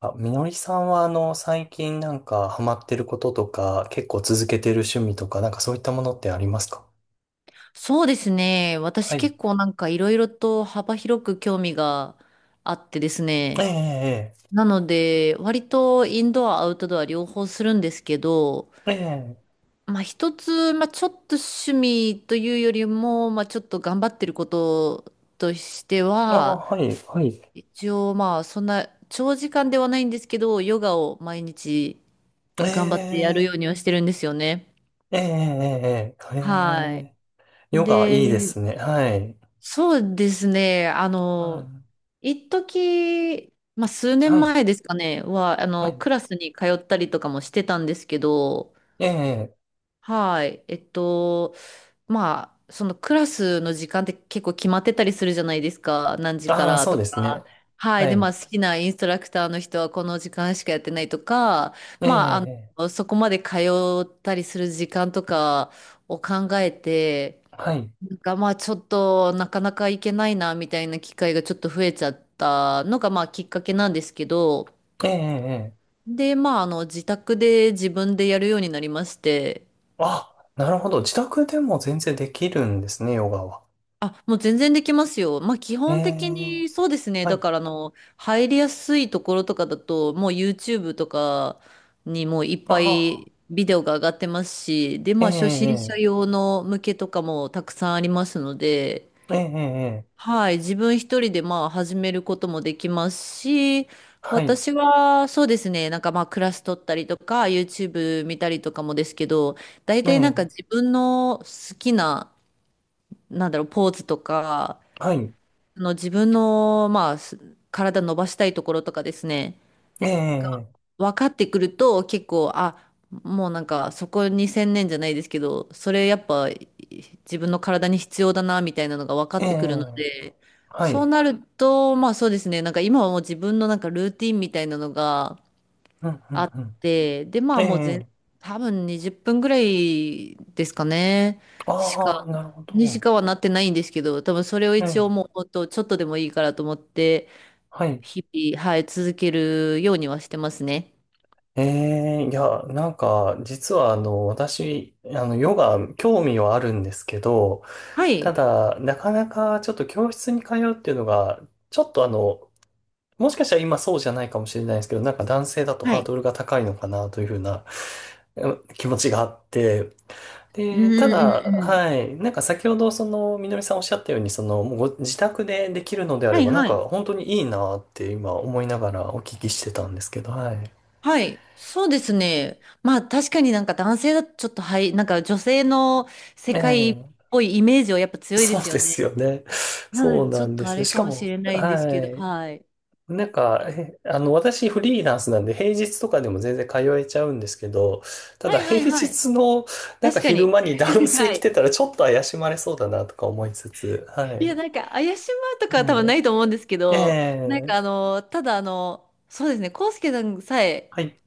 あ、みのりさんは最近なんかハマってることとか、結構続けてる趣味とか、なんかそういったものってありますか？そうですね。私はい。結構なんかいろいろと幅広く興味があってですえね。え、なので、割とインドア、アウトドア両方するんですけど、ええ、ええ、まあ一つ、まあちょっと趣味というよりも、まあちょっと頑張ってることとしてああ、は、はい、はい。一応まあそんな長時間ではないんですけど、ヨガを毎日え頑張ってやるよえ、うにはしてるんですよね。ええ、ええ、ええ、はい。ええ、ヨガで、いいですね。はい。そうですね。うん、一時、まあ、数は年い、前ですかね、は、はい。クラスに通ったりとかもしてたんですけど、ええ、はい。まあ、そのクラスの時間って結構決まってたりするじゃないですか。何時かああ、らそうとですね。か。はい。はで、まい。あ、好きなインストラクターの人はこの時間しかやってないとか、えまあ、え、そこまで通ったりする時間とかを考えて、はい。が、まあちょっとなかなか行けないなみたいな機会がちょっと増えちゃったのがまあきっかけなんですけど、ええ、ええ、で、まああの自宅で自分でやるようになりまして、あ、なるほど。自宅でも全然できるんですね、ヨガは。あ、もう全然できますよ。まあ基え本的え、にそうですね。はだい。からあの、入りやすいところとかだと、もう YouTube とかにもういっあぱあ。いビデオが上がってますし、で、えまあ初心者え、用の向けとかもたくさんありますので、ええ、ええ、ええ、はい、自分一人でまあ始めることもできますし、はい、私はそうですね、なんかまあクラス取ったりとか、YouTube 見たりとかもですけど、大え体なんかえ、自分の好きな、なんだろう、ポーズとか、はい、自分のまあ体伸ばしたいところとかですね、ええ、分かってくると結構、あ、もうなんかそこに専念じゃないですけど、それやっぱ自分の体に必要だなみたいなのが分かえってくるのえ、で、はそうい、なると、まあそうですね、なんか今はもう自分のなんかルーティンみたいなのがうん、うあん、って、でまうん、えあもうえ、多分20分ぐらいですかね、しああ、か、なるほにしど、かはなってないんですけど、多分それをえ一応え、もうほんとちょっとでもいいからと思って、はい、日々、はい、続けるようにはしてますね。ええ、いや、なんか、実は、私、ヨガ、興味はあるんですけど、はたい。だ、なかなか、ちょっと教室に通うっていうのが、ちょっと、もしかしたら今そうじゃないかもしれないですけど、なんか男性だとはハーい。ドルが高いのかなというふうな、え気持ちがあって、うんうで、たんだ、うん。はい、なんか先ほどそのみのりさんおっしゃったように、そのもうご自宅でできるのであはれいば、なんはかい。本当にいいなって今思いながらお聞きしてたんですけど、はい。はい。そうですね。まあ確かになんか男性だとちょっとはい、なんか女性の世え界っえ、ぽいイメージはやっぱ強いでそうすでよすね。よね。なのそでうちょなっんでとあすよ。れしかかもしも、れないんですはけど、い。はい。なんか、えあの、私フリーランスなんで平日とかでも全然通えちゃうんですけど、たはだいは平いはい。日のなん確かか昼に。間に男 性は来てい。たらちょっと怪しまれそうだなとか思いつつ、はいや、い。なんか怪しまうとかえは多分ないと思うんですけえ、えど、なんえ、かただそうですね、コウスケさんさえはい。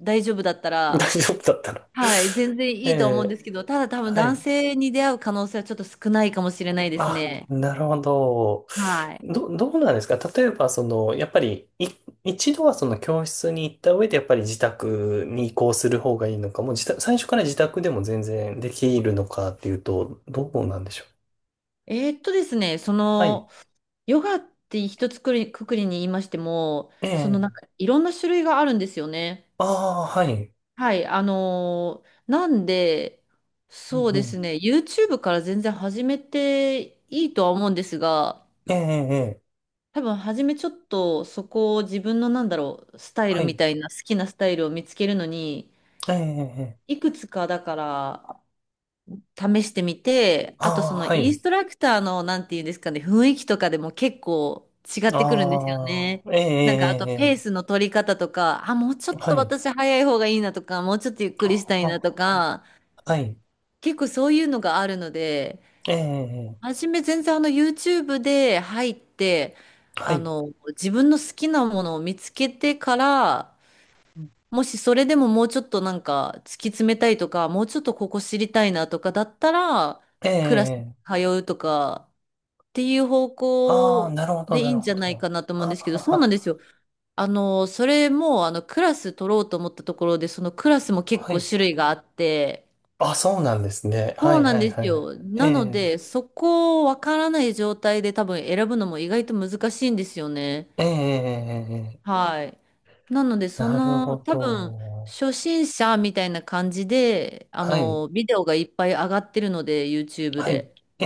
大丈夫だった 大ら、丈夫だったら。はい、全然 えいいと思うんでえ、すけど、ただ多分は男い。性に出会う可能性はちょっと少ないかもしれないですあ、ね。なるほど。はい。どうなんですか、例えば、その、やっぱり、一度はその教室に行った上で、やっぱり自宅に移行する方がいいのか、もう自宅、最初から自宅でも全然できるのかっていうと、どうなんでしょう？ですね、そはい。の、ヨガって一つくり、くくりに言いましても、えそのなんえ。かいろんな種類があるんですよね。ああ、はい。はい、なんで、うそんううでん。すね、YouTube から全然始めていいとは思うんですが、ええ、ええ、ええ、多分初めちょっとそこを自分のなんだろう、スタイはルみい。たいな好きなスタイルを見つけるのに、ええ、ええ。ええ、いくつかだから試してみて、あとそああ、のはインい。ストラクターの、なんていうんですかね、雰囲気とかでも結構違ってくるんですよあね。あ、ええ、なんかあとえペースえ、の取り方とか、あ、もうちょええ、っとはい。私早い方がいいなとか、もうちょっとゆっくりしたあいなとあ、か、はい。結構そういうのがあるので、ええ、ええ、初め全然YouTube で入って、はい。自分の好きなものを見つけてから、うん、もしそれでももうちょっとなんか突き詰めたいとか、もうちょっとここ知りたいなとかだったら、えクラスえ、通うとかっていう方ああー、向なるほど、でいないるんじほゃないど。かなと思うんあですけど、そうなんあ、ですよ。それもあのクラス取ろうと思ったところで、そのクラスも結は構い。種類があって、あ、そうなんですね。はそうい、なはんい、ですはい。よ。えなのえ、で、そこをわからない状態で多分選ぶのも意外と難しいんですよね。ええ、ええ、はい。なので、そなるの、ほ多分、ど。初心者みたいな感じで、はい、ビデオがいっぱい上がってるので、YouTube はい。で。え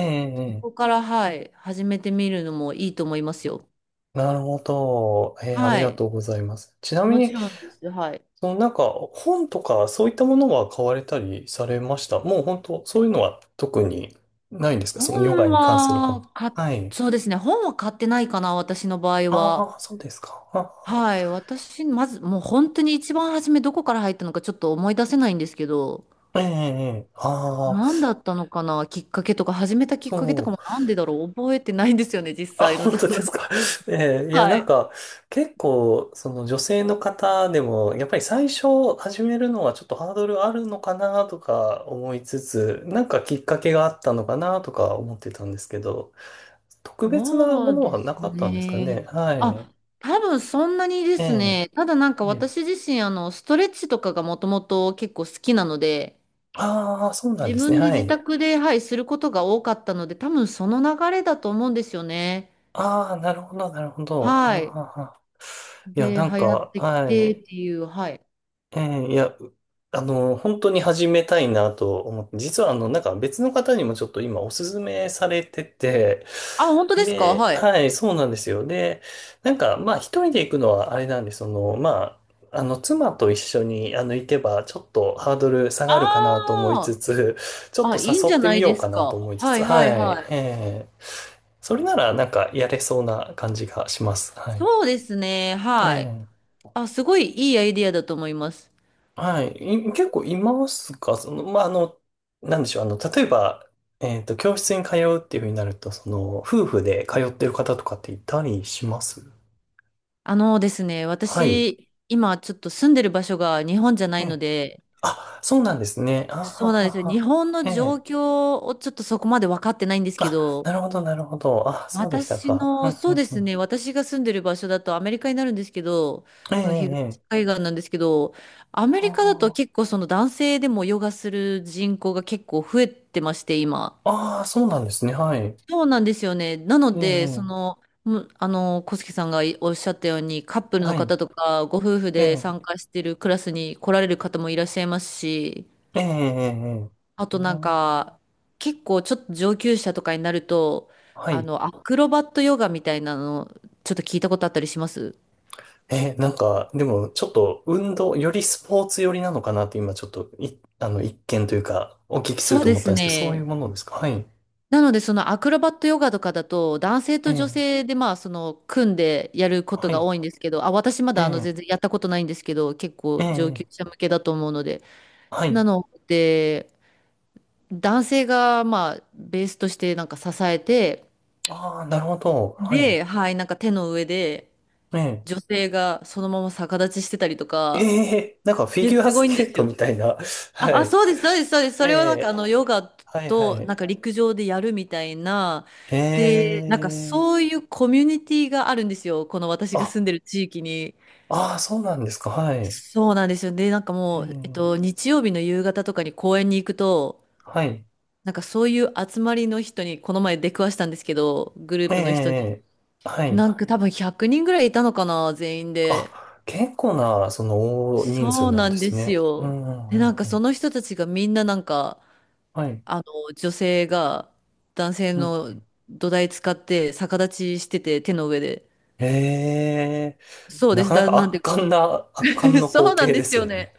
そえ、こから、はい、始めてみるのもいいと思いますよ。なるほど。ええ、ありはがい。とうございます。ちなみもちに、ろんです。はい。そのなんか、本とか、そういったものは買われたりされました？もう本当、そういうのは特にないんですか、そのヨガ本に関する本。は、か、はい。そうですね。本は買ってないかな、私の場合は。ああ、そうですか。はい。私、まず、もう本当に一番初めどこから入ったのかちょっと思い出せないんですけど、ええ、ええ、ああ、何だったのかなきっかけとか、始めたきっかけとかそう。もなんでだろう覚えてないんですよね、実あ、際の本とこ当でろ。すか。ええ、いや、はなんい。か、結構、その女性の方でも、やっぱり最初始めるのはちょっとハードルあるのかなとか思いつつ、なんかきっかけがあったのかなとか思ってたんですけど、特別なそもうのではすなかったんですかね。ね。はい。あ、多分そんなにでえすえ、ね。ただなんかはい。私自身、ストレッチとかがもともと結構好きなので、ああ、そうなん自ですね。分では自い。宅で、はい、することが多かったので、多分その流れだと思うんですよね。ああ、なるほど、なるほど。はい。ああ、いや、で、流なんか、行ってきはてい。っていう、はい。ええ、いや、うあの、本当に始めたいなと思って、実はなんか別の方にもちょっと今おすすめされてて、あ、本当ですか、で、はい。はい、そうなんですよ。で、なんか、まあ一人で行くのはあれなんで、その、まあ、妻と一緒に、行けば、ちょっとハードル下がるかなと思いつあつ、ちょっあ、あ、といいん誘じっゃてなみいよでうすかなとか。思いつはつ、いははいはい、えい。え、それなら、なんか、やれそうな感じがします。はい。そうですね。はい。ええ、あ、すごいいいアイディアだと思います。はい。結構いますか、その、まあ、あの、なんでしょう。あの、例えば、教室に通うっていうふうになると、その、夫婦で通ってる方とかっていたりします？あのですね、はい。私、今ちょっと住んでる場所が日本じゃなえいのえ。で、あ、そうなんですね。あはそうなんはですよ。日は。本のえ状え。況をちょっとそこまで分かってないんですけあ、ど、なるほど、なるほど。あ、そうでした私か。の、うそん、ううでん、うすん。ね、私が住んでる場所だとアメリカになるんですけど、ええ、えの東え。ええ、海岸なんですけど、アメリあカだと結構その男性でもヨガする人口が結構増えてまして、今。あ、ああ、そうなんですね。はい。そうなんですよね。なえのえ、で、そええ、の、あの、小杉さんがおっしゃったように、カップルはのい。方とか、ご夫婦えでえ、参加してるクラスに来られる方もいらっしゃいますし、ええ、ええ。えあえ、とうなんん、か、結構ちょっと上級者とかになると、はい。アクロバットヨガみたいなの、ちょっと聞いたことあったりします？なんか、でも、ちょっと、運動、よりスポーツ寄りなのかなって、今、ちょっと、い、あの、一見というか、お聞きするそうとで思ったすんですけど、そういうね。ものですか？はい。なので、そのアクロバットヨガとかだと、男性えと女え、性で、まあ、その、組んでやることはがい。多いんですけど、あ、私まえだ、え、全然やったことないんですけど、結構え上級え、者向けだと思うので。はない。ので、男性が、まあ、ベースとしてなんか支えて、ああ、なるほど。はい。で、はい、なんか手の上で、ええ、女性がそのまま逆立ちしてたりとえか、え、なんか、フいィや、ギュすアごスいんでケーすトよ。みたいな。はあ、あ、い。そうです、そうです、そうです。そえれをなんかえ、あのヨガはい、はとい。なんか陸上でやるみたいな。で、えなんかえ、そういうコミュニティがあるんですよ。この私が住あ、んでる地域に。ああ、そうなんですか。はい。えそうなんですよ。で、なんかえ、もう、日曜日の夕方とかに公園に行くと、はい。なんかそういう集まりの人に、この前出くわしたんですけど、グルえープの人に。え、はない。んか多分100人ぐらいいたのかな、全員で。あ、結構な、その、大人数そうなんなでんですすね。うよ。んうんうで、なんんかうそん。の人たちがみんななんか、はい。あの、女性が男性うん。の土台使って逆立ちしてて、手の上で。ええ、そうなです。かなかなんで、圧巻 のそ光うなん景でですすよよね。ね。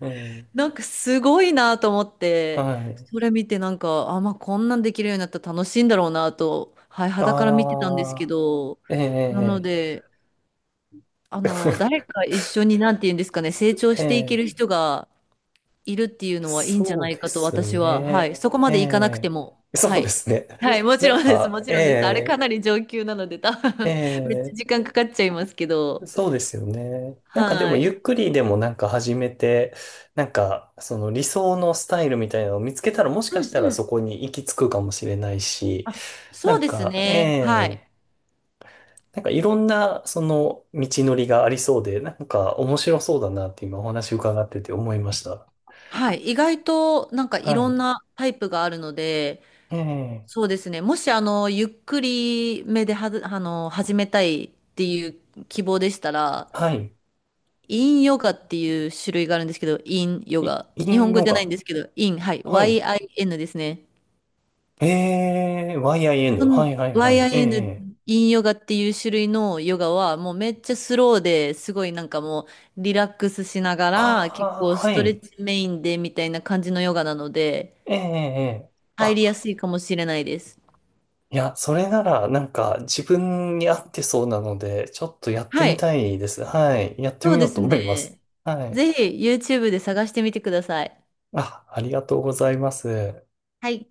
ええ、なんかすごいなと思って、はい。それ見てなんか、あ、まあこんなんできるようになったら楽しいんだろうなと、はい、肌から見てたんですあけど、あ、えなのえ、で、誰 か一緒に、なんて言うんですかね、成長えしていけえ、る人が、いるってい うのはいいんじゃそなういでかとす私は、はね。い、そこまえでいかなくても、え、はそうでい。すね。はい、もちなんろんです、か、もちろんです。あれえかなり上級なので、多分 めっちえ、ゃええ、時間かかっちゃいますけど、そうですよね。なんかではもい。ゆっくりでもなんか始めて、なんかその理想のスタイルみたいなのを見つけたら、もしかうしんたらうん。そこに行き着くかもしれないし、あ、なそうんですか、ね。はええ、い。なんかいろんなその道のりがありそうで、なんか面白そうだなって今お話伺ってて思いました。はい。意外となんかいろはんなタイプがあるので、い。そええ、うですね。もしゆっくりめではず、あの、始めたいっていう希望でしたら、はい。インヨガっていう種類があるんですけど、インヨガ。イ日ン本語ヨじゃないんガ。ですけど、イン、はい、はい。YIN ですね。ええ、 YIN。はその いはいはい。え え、インヨガっていう種類のヨガは、もうめっちゃスローですごいなんかうリラックスしながら、結あ構あー、スはトレッい。チメインでみたいな感じのヨガなので、ええ、ええ。入りやあすいかもしれないです。いや、それなら、なんか、自分に合ってそうなので、ちょっとやってはみい、たいです。はい。やってそみうよでうとす思います。ね。はい。ぜひ YouTube で探してみてください。あ、ありがとうございます。はい。